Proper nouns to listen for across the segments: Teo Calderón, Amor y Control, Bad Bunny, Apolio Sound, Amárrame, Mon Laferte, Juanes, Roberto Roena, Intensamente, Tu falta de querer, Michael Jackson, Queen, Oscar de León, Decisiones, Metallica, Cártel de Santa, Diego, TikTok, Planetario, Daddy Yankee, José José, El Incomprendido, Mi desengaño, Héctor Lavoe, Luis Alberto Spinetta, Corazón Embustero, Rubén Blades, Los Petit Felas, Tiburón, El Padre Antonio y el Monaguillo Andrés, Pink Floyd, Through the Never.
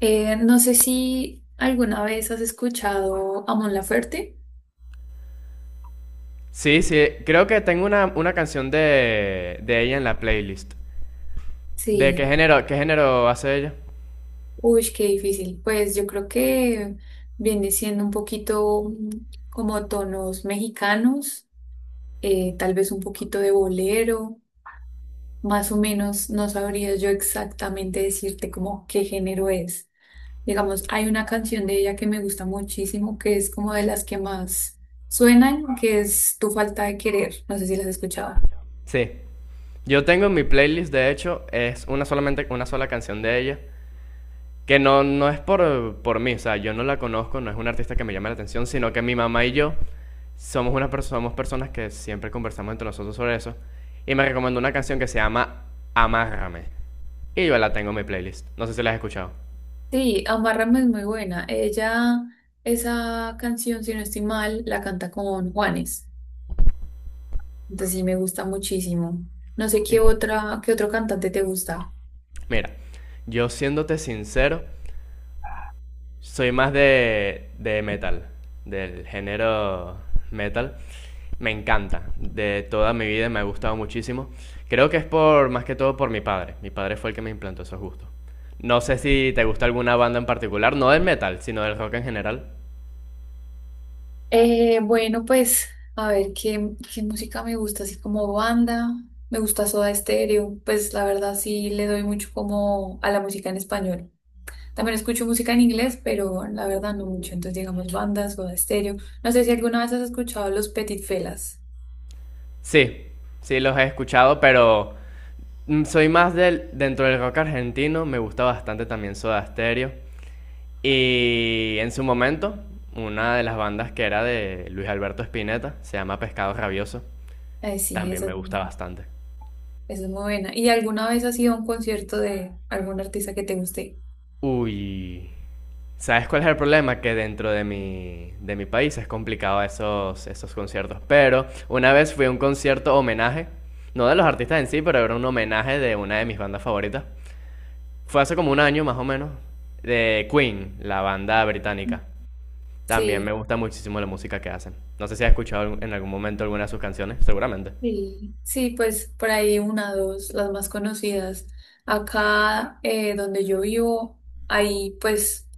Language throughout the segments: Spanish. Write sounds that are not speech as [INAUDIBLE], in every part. No sé si alguna vez has escuchado a Mon Laferte. Sí, sí, creo que tengo una canción de ella en la playlist. ¿De Sí, qué género hace ella? uy, qué difícil. Pues yo creo que viene siendo un poquito como tonos mexicanos, tal vez un poquito de bolero, más o menos no sabría yo exactamente decirte como qué género es. Digamos, hay una canción de ella que me gusta muchísimo, que es como de las que más suenan, que es Tu falta de querer. No sé si la has escuchado. Sí. Yo tengo en mi playlist, de hecho, es una solamente una sola canción de ella, que no es por mí, o sea, yo no la conozco, no es una artista que me llame la atención, sino que mi mamá y yo somos, somos personas que siempre conversamos entre nosotros sobre eso, y me recomendó una canción que se llama Amárrame, y yo la tengo en mi playlist, no sé si la has escuchado. Sí, Amárrame es muy buena. Ella, esa canción, si no estoy mal, la canta con Juanes. Entonces sí me gusta muchísimo. No sé Y qué otro cantante te gusta. mira, yo siéndote sincero, soy más de metal, del género metal. Me encanta, de toda mi vida me ha gustado muchísimo. Creo que es por, más que todo por mi padre. Mi padre fue el que me implantó esos gustos. No sé si te gusta alguna banda en particular, no del metal, sino del rock en general. Bueno, pues, a ver, qué música me gusta? Así como banda, me gusta Soda Stereo. Pues la verdad sí le doy mucho como a la música en español. También escucho música en inglés, pero la verdad no mucho. Entonces digamos bandas, Soda Stereo. No sé si alguna vez has escuchado Los Petit Felas. Sí, sí los he escuchado, pero mm, soy más del, dentro del rock argentino, me gusta bastante también Soda Stereo. Y en su momento, una de las bandas que era de Luis Alberto Spinetta, se llama Pescado Rabioso, Sí, también eso. me gusta bastante. Es muy buena. ¿Y alguna vez has ido a un concierto de algún artista que te guste? Uy, ¿sabes cuál es el problema? Que dentro de mi país es complicado esos, esos conciertos. Pero una vez fui a un concierto homenaje, no de los artistas en sí, pero era un homenaje de una de mis bandas favoritas. Fue hace como un año más o menos, de Queen, la banda británica. También me Sí, gusta muchísimo la música que hacen. No sé si has escuchado en algún momento alguna de sus canciones, seguramente. sí, sí, pues por ahí una, dos, las más conocidas. Acá donde yo vivo hay pues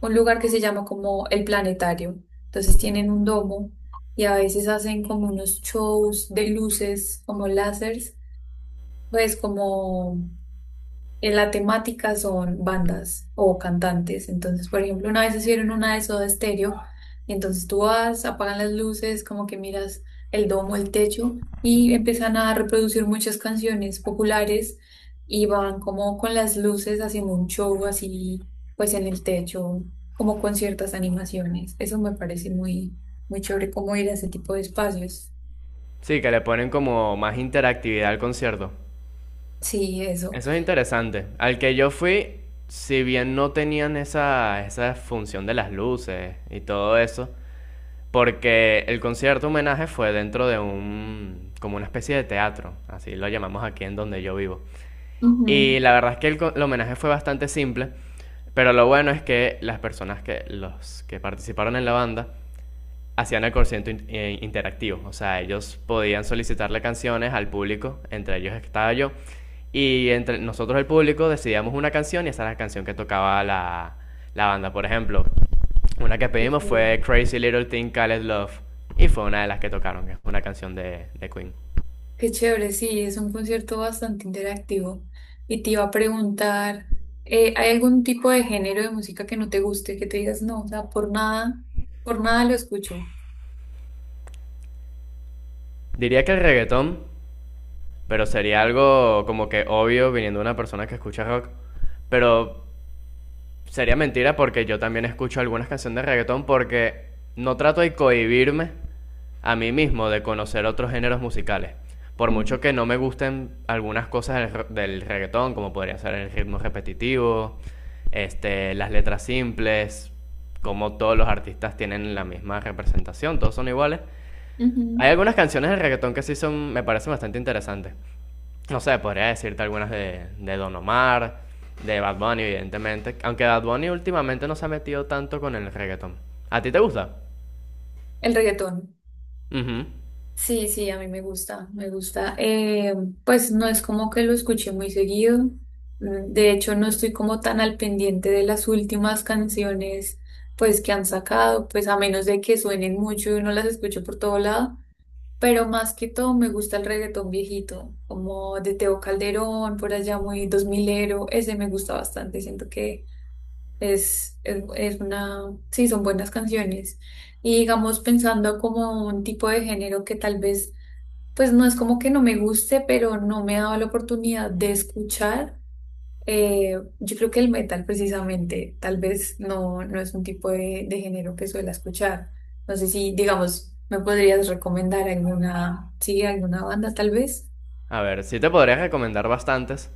un lugar que se llama como el Planetario. Entonces Ujú. tienen un domo y a veces hacen como unos shows de luces, como lásers, pues como en la temática son bandas o cantantes. Entonces, por ejemplo, una vez hicieron una de Soda Stereo, entonces tú vas, apagan las luces, como que miras el domo, el techo, y empiezan a reproducir muchas canciones populares y van como con las luces haciendo un show así, pues en el techo, como con ciertas animaciones. Eso me parece muy, muy chévere, como ir a ese tipo de espacios. Sí, que le ponen como más interactividad al concierto. Sí, eso. Eso es interesante. Al que yo fui, si bien no tenían esa función de las luces y todo eso, porque el concierto homenaje fue dentro de un, como una especie de teatro, así lo llamamos aquí en donde yo vivo. Ujú. Y la verdad es que el homenaje fue bastante simple, pero lo bueno es que las personas que, los que participaron en la banda hacían el concierto interactivo, o sea, ellos podían solicitarle canciones al público, entre ellos estaba yo, y entre nosotros el público decidíamos una canción y esa era la canción que tocaba la banda. Por ejemplo, una que pedimos fue Crazy Little Thing Called Love, y fue una de las que tocaron, que es una canción de Queen. Qué chévere, sí, es un concierto bastante interactivo. Y te iba a preguntar, ¿hay algún tipo de género de música que no te guste, que te digas, no, o sea, por nada lo escucho? Diría que el reggaetón. Pero sería algo como que obvio viniendo de una persona que escucha rock. Pero sería mentira porque yo también escucho algunas canciones de reggaetón porque no trato de cohibirme a mí mismo de conocer otros géneros musicales. Por Ujú. mucho que no me gusten algunas cosas del, del reggaetón, como podría ser el ritmo repetitivo, este, las letras simples, como todos los artistas tienen la misma representación, todos son iguales. Hay Ujú. algunas canciones del reggaetón que sí son, me parecen bastante interesantes. No sé, podría decirte algunas de Don Omar, de Bad Bunny, evidentemente. Aunque Bad Bunny últimamente no se ha metido tanto con el reggaeton. ¿A ti te gusta? El reggaetón. Ujú. Sí, sí, a mí me gusta, me gusta. Pues no es como que lo escuché muy seguido. De hecho, no estoy como tan al pendiente de las últimas canciones, pues que han sacado, pues a menos de que suenen mucho y uno las escuche por todo lado. Pero más que todo me gusta el reggaetón viejito, como de Teo Calderón, por allá muy dos milero, ese me gusta bastante, siento que es una, sí, son buenas canciones. Y digamos pensando como un tipo de género que tal vez, pues no es como que no me guste, pero no me he dado la oportunidad de escuchar. Yo creo que el metal precisamente, tal vez no, no es un tipo de género que suela escuchar. No sé si, digamos, me podrías recomendar alguna, sí, alguna banda tal vez. A ver, sí te podría recomendar bastantes,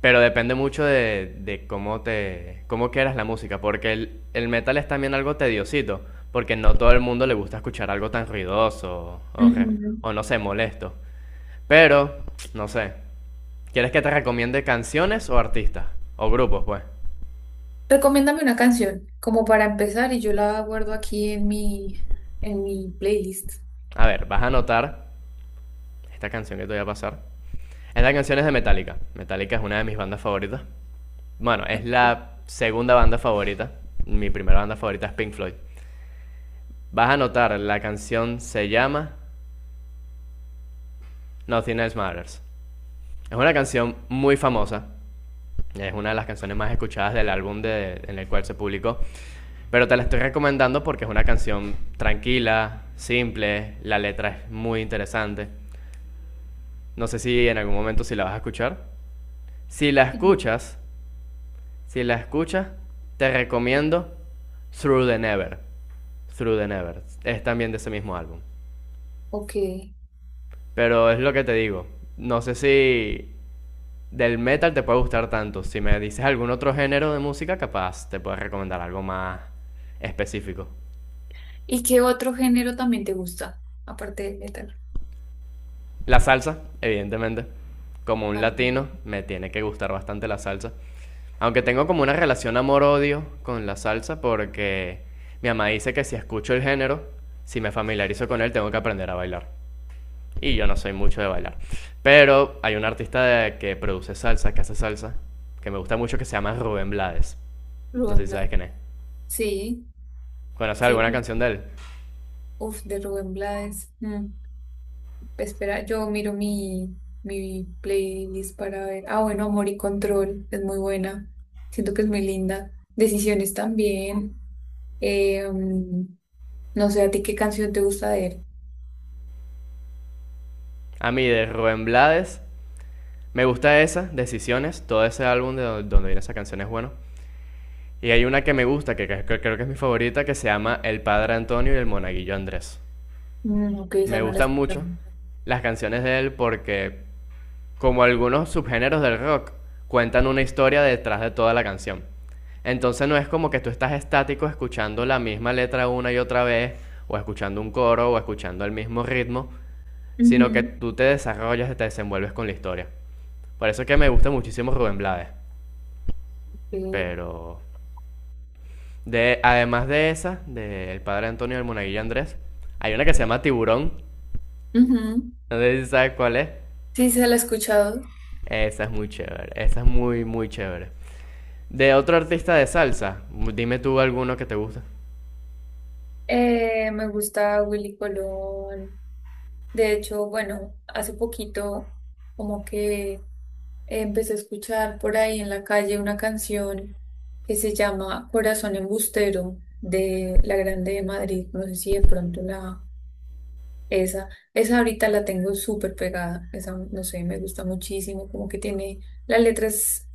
pero depende mucho de cómo te, cómo quieras la música, porque el metal es también algo tediosito, porque no todo el mundo le gusta escuchar algo tan ruidoso o, Ujú. o no sé, molesto. Pero, no sé, ¿quieres que te recomiende canciones o artistas? O grupos, pues. Recomiéndame una canción, como para empezar, y yo la guardo aquí en mi playlist. A ver, vas a anotar esta canción que te voy a pasar. Esta canción es de Metallica. Metallica es una de mis bandas favoritas. Bueno, es la segunda banda favorita. Mi primera banda favorita es Pink Floyd. Vas a notar, la canción se llama Nothing Else Matters. Es una canción muy famosa. Es una de las canciones más escuchadas del en el cual se publicó. Pero te la estoy recomendando porque es una canción tranquila, simple, la letra es muy interesante. No sé si en algún momento si la vas a escuchar. Si la Ujú. escuchas, Si la escuchas, te recomiendo Through the Never. Through the Never. Es también de ese mismo álbum. Ok. Pero es lo que te digo. No sé si del metal te puede gustar tanto. Si me dices algún otro género de música, capaz te puedo recomendar algo más específico. ¿Y qué otro género también te gusta? Aparte del metal. La salsa, evidentemente. Como un Ah, latino, me tiene que gustar bastante la salsa. Aunque tengo como una relación amor-odio con la salsa porque mi mamá dice que si escucho el género, si me familiarizo con él, tengo que aprender a bailar. Y yo no soy mucho de bailar. Pero hay un artista que produce salsa, que hace salsa, que me gusta mucho, que se llama Rubén Blades. No sé Rubén si sabes Blades. quién es. Sí, ¿Conoces alguna sí. canción de él? Uf, de Rubén Blades. Mm. Espera, yo miro mi, mi playlist para ver. Ah, bueno, Amor y Control es muy buena. Siento que es muy linda. Decisiones también. Eh, mm, no sé, ¿a ti qué canción te gusta de él? A mí, de Rubén Blades, me gusta esa, Decisiones, todo ese álbum de donde viene esa canción es bueno. Y hay una que me gusta, que creo que es mi favorita, que se llama El Padre Antonio y el Monaguillo Andrés. Mm, ok, esa Me no la he gustan escuchado. mucho las canciones de él porque como algunos subgéneros del rock, cuentan una historia detrás de toda la canción. Entonces no es como que tú estás estático escuchando la misma letra una y otra vez, o escuchando un coro, o escuchando el mismo ritmo, sino que Ujú, tú te desarrollas y te desenvuelves con la historia. Por eso es que me gusta muchísimo Rubén Blades. sí, Pero de, además de esa, del padre Antonio del Monaguillo Andrés, hay una que se llama Tiburón. ujú. No sé si sabes cuál es. Sí, se la he escuchado. Esa es muy chévere. Esa es muy, muy chévere. De otro artista de salsa, dime tú alguno que te guste. Me gusta Willy Colón. De hecho, bueno, hace poquito como que empecé a escuchar por ahí en la calle una canción que se llama Corazón Embustero de La Grande de Madrid. No sé si de pronto la esa, esa ahorita la tengo súper pegada. Esa, no sé, me gusta muchísimo, como que tiene las letras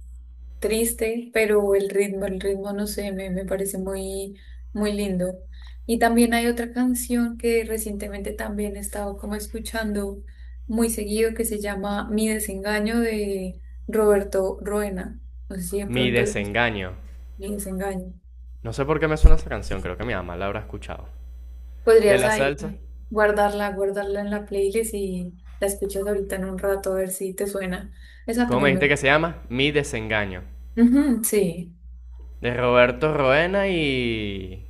triste, pero el ritmo, no sé, me parece muy, muy lindo. Y también hay otra canción que recientemente también he estado como escuchando muy seguido que se llama Mi desengaño de Roberto Ruena. No sé si de Mi pronto le gusta desengaño. Mi desengaño. No sé por qué me suena esa canción, creo que mi mamá la habrá escuchado. De Podrías la ahí salsa, guardarla en la playlist y la escuchas ahorita en un rato a ver si te suena. Esa ¿cómo me también dijiste me... que se llama? Mi desengaño. Ujú, sí. De Roberto Roena y...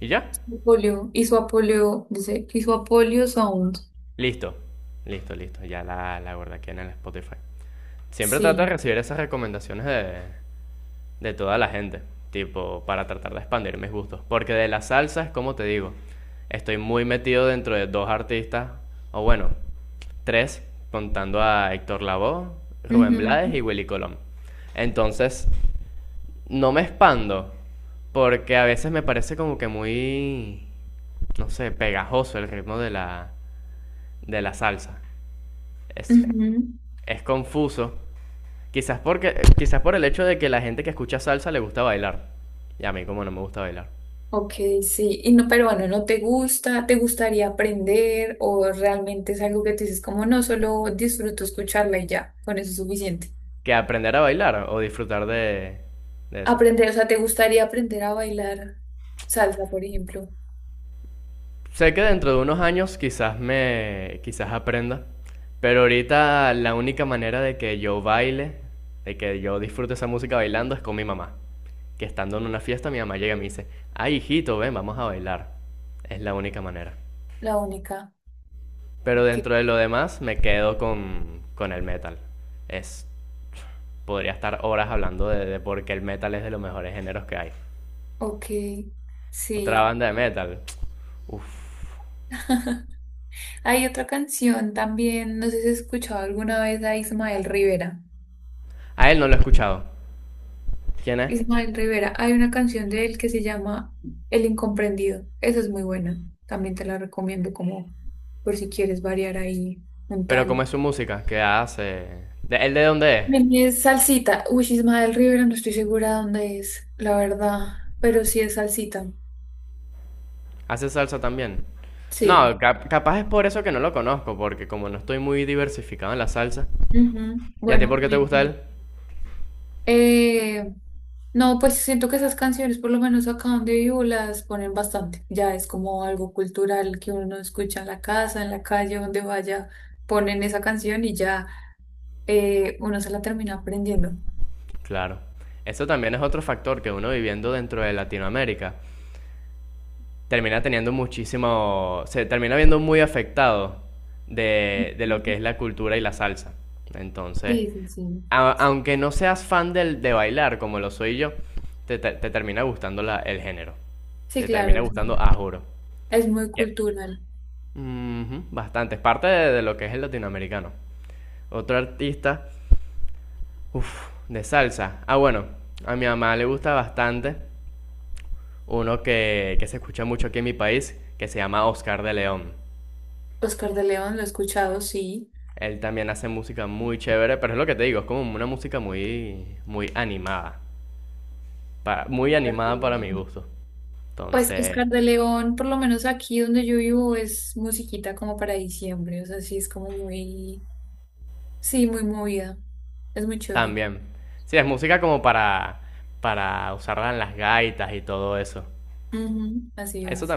¿Y ya? Apolio, y su Apolio, dice, y su Apolio Sound. Listo. Listo, listo. Ya la guardé aquí en el Spotify. Siempre trato de Sí, recibir esas recomendaciones de toda la gente, tipo, para tratar de expandir mis gustos. Porque de la salsa es como te digo, estoy muy metido dentro de dos artistas, o bueno, tres, contando a Héctor Lavoe, ujú, Rubén Blades y Willy Colón. Entonces, no me expando, porque a veces me parece como que muy, no sé, pegajoso el ritmo de de la salsa. Es, ujú. es confuso. Quizás, porque, quizás por el hecho de que la gente que escucha salsa le gusta bailar. Y a mí como no me gusta bailar. Ok, sí. Y no, pero bueno, ¿no te gusta? ¿Te gustaría aprender? ¿O realmente es algo que te dices como no, solo disfruto escucharla y ya, con eso es suficiente? Que aprender a bailar o disfrutar de eso. Aprender, o sea, ¿te gustaría aprender a bailar salsa, por ejemplo? Sé que dentro de unos años quizás me quizás aprenda, pero ahorita la única manera de que yo baile, de que yo disfrute esa música bailando es con mi mamá. Que estando en una fiesta mi mamá llega y me dice, "Ay, hijito, ven, vamos a bailar." Es la única manera. La única. Pero Ok, dentro de lo demás me quedo con el metal. Es, podría estar horas hablando de por qué el metal es de los mejores géneros que hay. ok, Otra sí. banda de metal. Uf. [LAUGHS] Hay otra canción también, no sé si has escuchado alguna vez a Ismael Rivera. A él no lo he escuchado. ¿Quién es? Ismael Rivera, hay una canción de él que se llama El Incomprendido. Esa es muy buena. También te la recomiendo como por si quieres variar ahí un Pero ¿cómo tal. es su música? ¿Qué hace? ¿Él de dónde es? También es salsita. Uy, Ismael Rivera, no estoy segura dónde es, la verdad, pero sí es salsita. ¿Hace salsa también? No, Sí. Capaz es por eso que no lo conozco, porque como no estoy muy diversificado en la salsa. Ujú. ¿Y a ti Bueno, por qué te ahí gusta tiene. él? eh, no, pues siento que esas canciones, por lo menos acá donde vivo, las ponen bastante. Ya es como algo cultural que uno escucha en la casa, en la calle, donde vaya, ponen esa canción y ya. Uno se la termina aprendiendo. Claro. Eso también es otro factor que uno viviendo dentro de Latinoamérica termina teniendo muchísimo, se termina viendo muy afectado de Ujú. lo que es la cultura y la salsa. Entonces, Sí, sí, sí. Aunque no seas fan del, de bailar como lo soy yo, te termina gustando el género. Sí, Te claro, termina gustando, a juro. es muy Yeah. cultural. Ujú, bastante, es parte de lo que es el latinoamericano. Otro artista, uff, de salsa. Ah, bueno, a mi mamá le gusta bastante uno que se escucha mucho aquí en mi país, que se llama Oscar de León. Oscar de León, lo he escuchado, sí. Él también hace música muy chévere, pero es lo que te digo, es como una música muy, muy animada. Para, muy animada para Perdón. mi gusto. Pues Entonces, Oscar de León, por lo menos aquí donde yo vivo, es musiquita como para diciembre, o sea, sí es como muy, sí, muy movida, es muy chévere. también. Sí, es música como para usarla en las gaitas y todo eso. Ujú, así Eso es.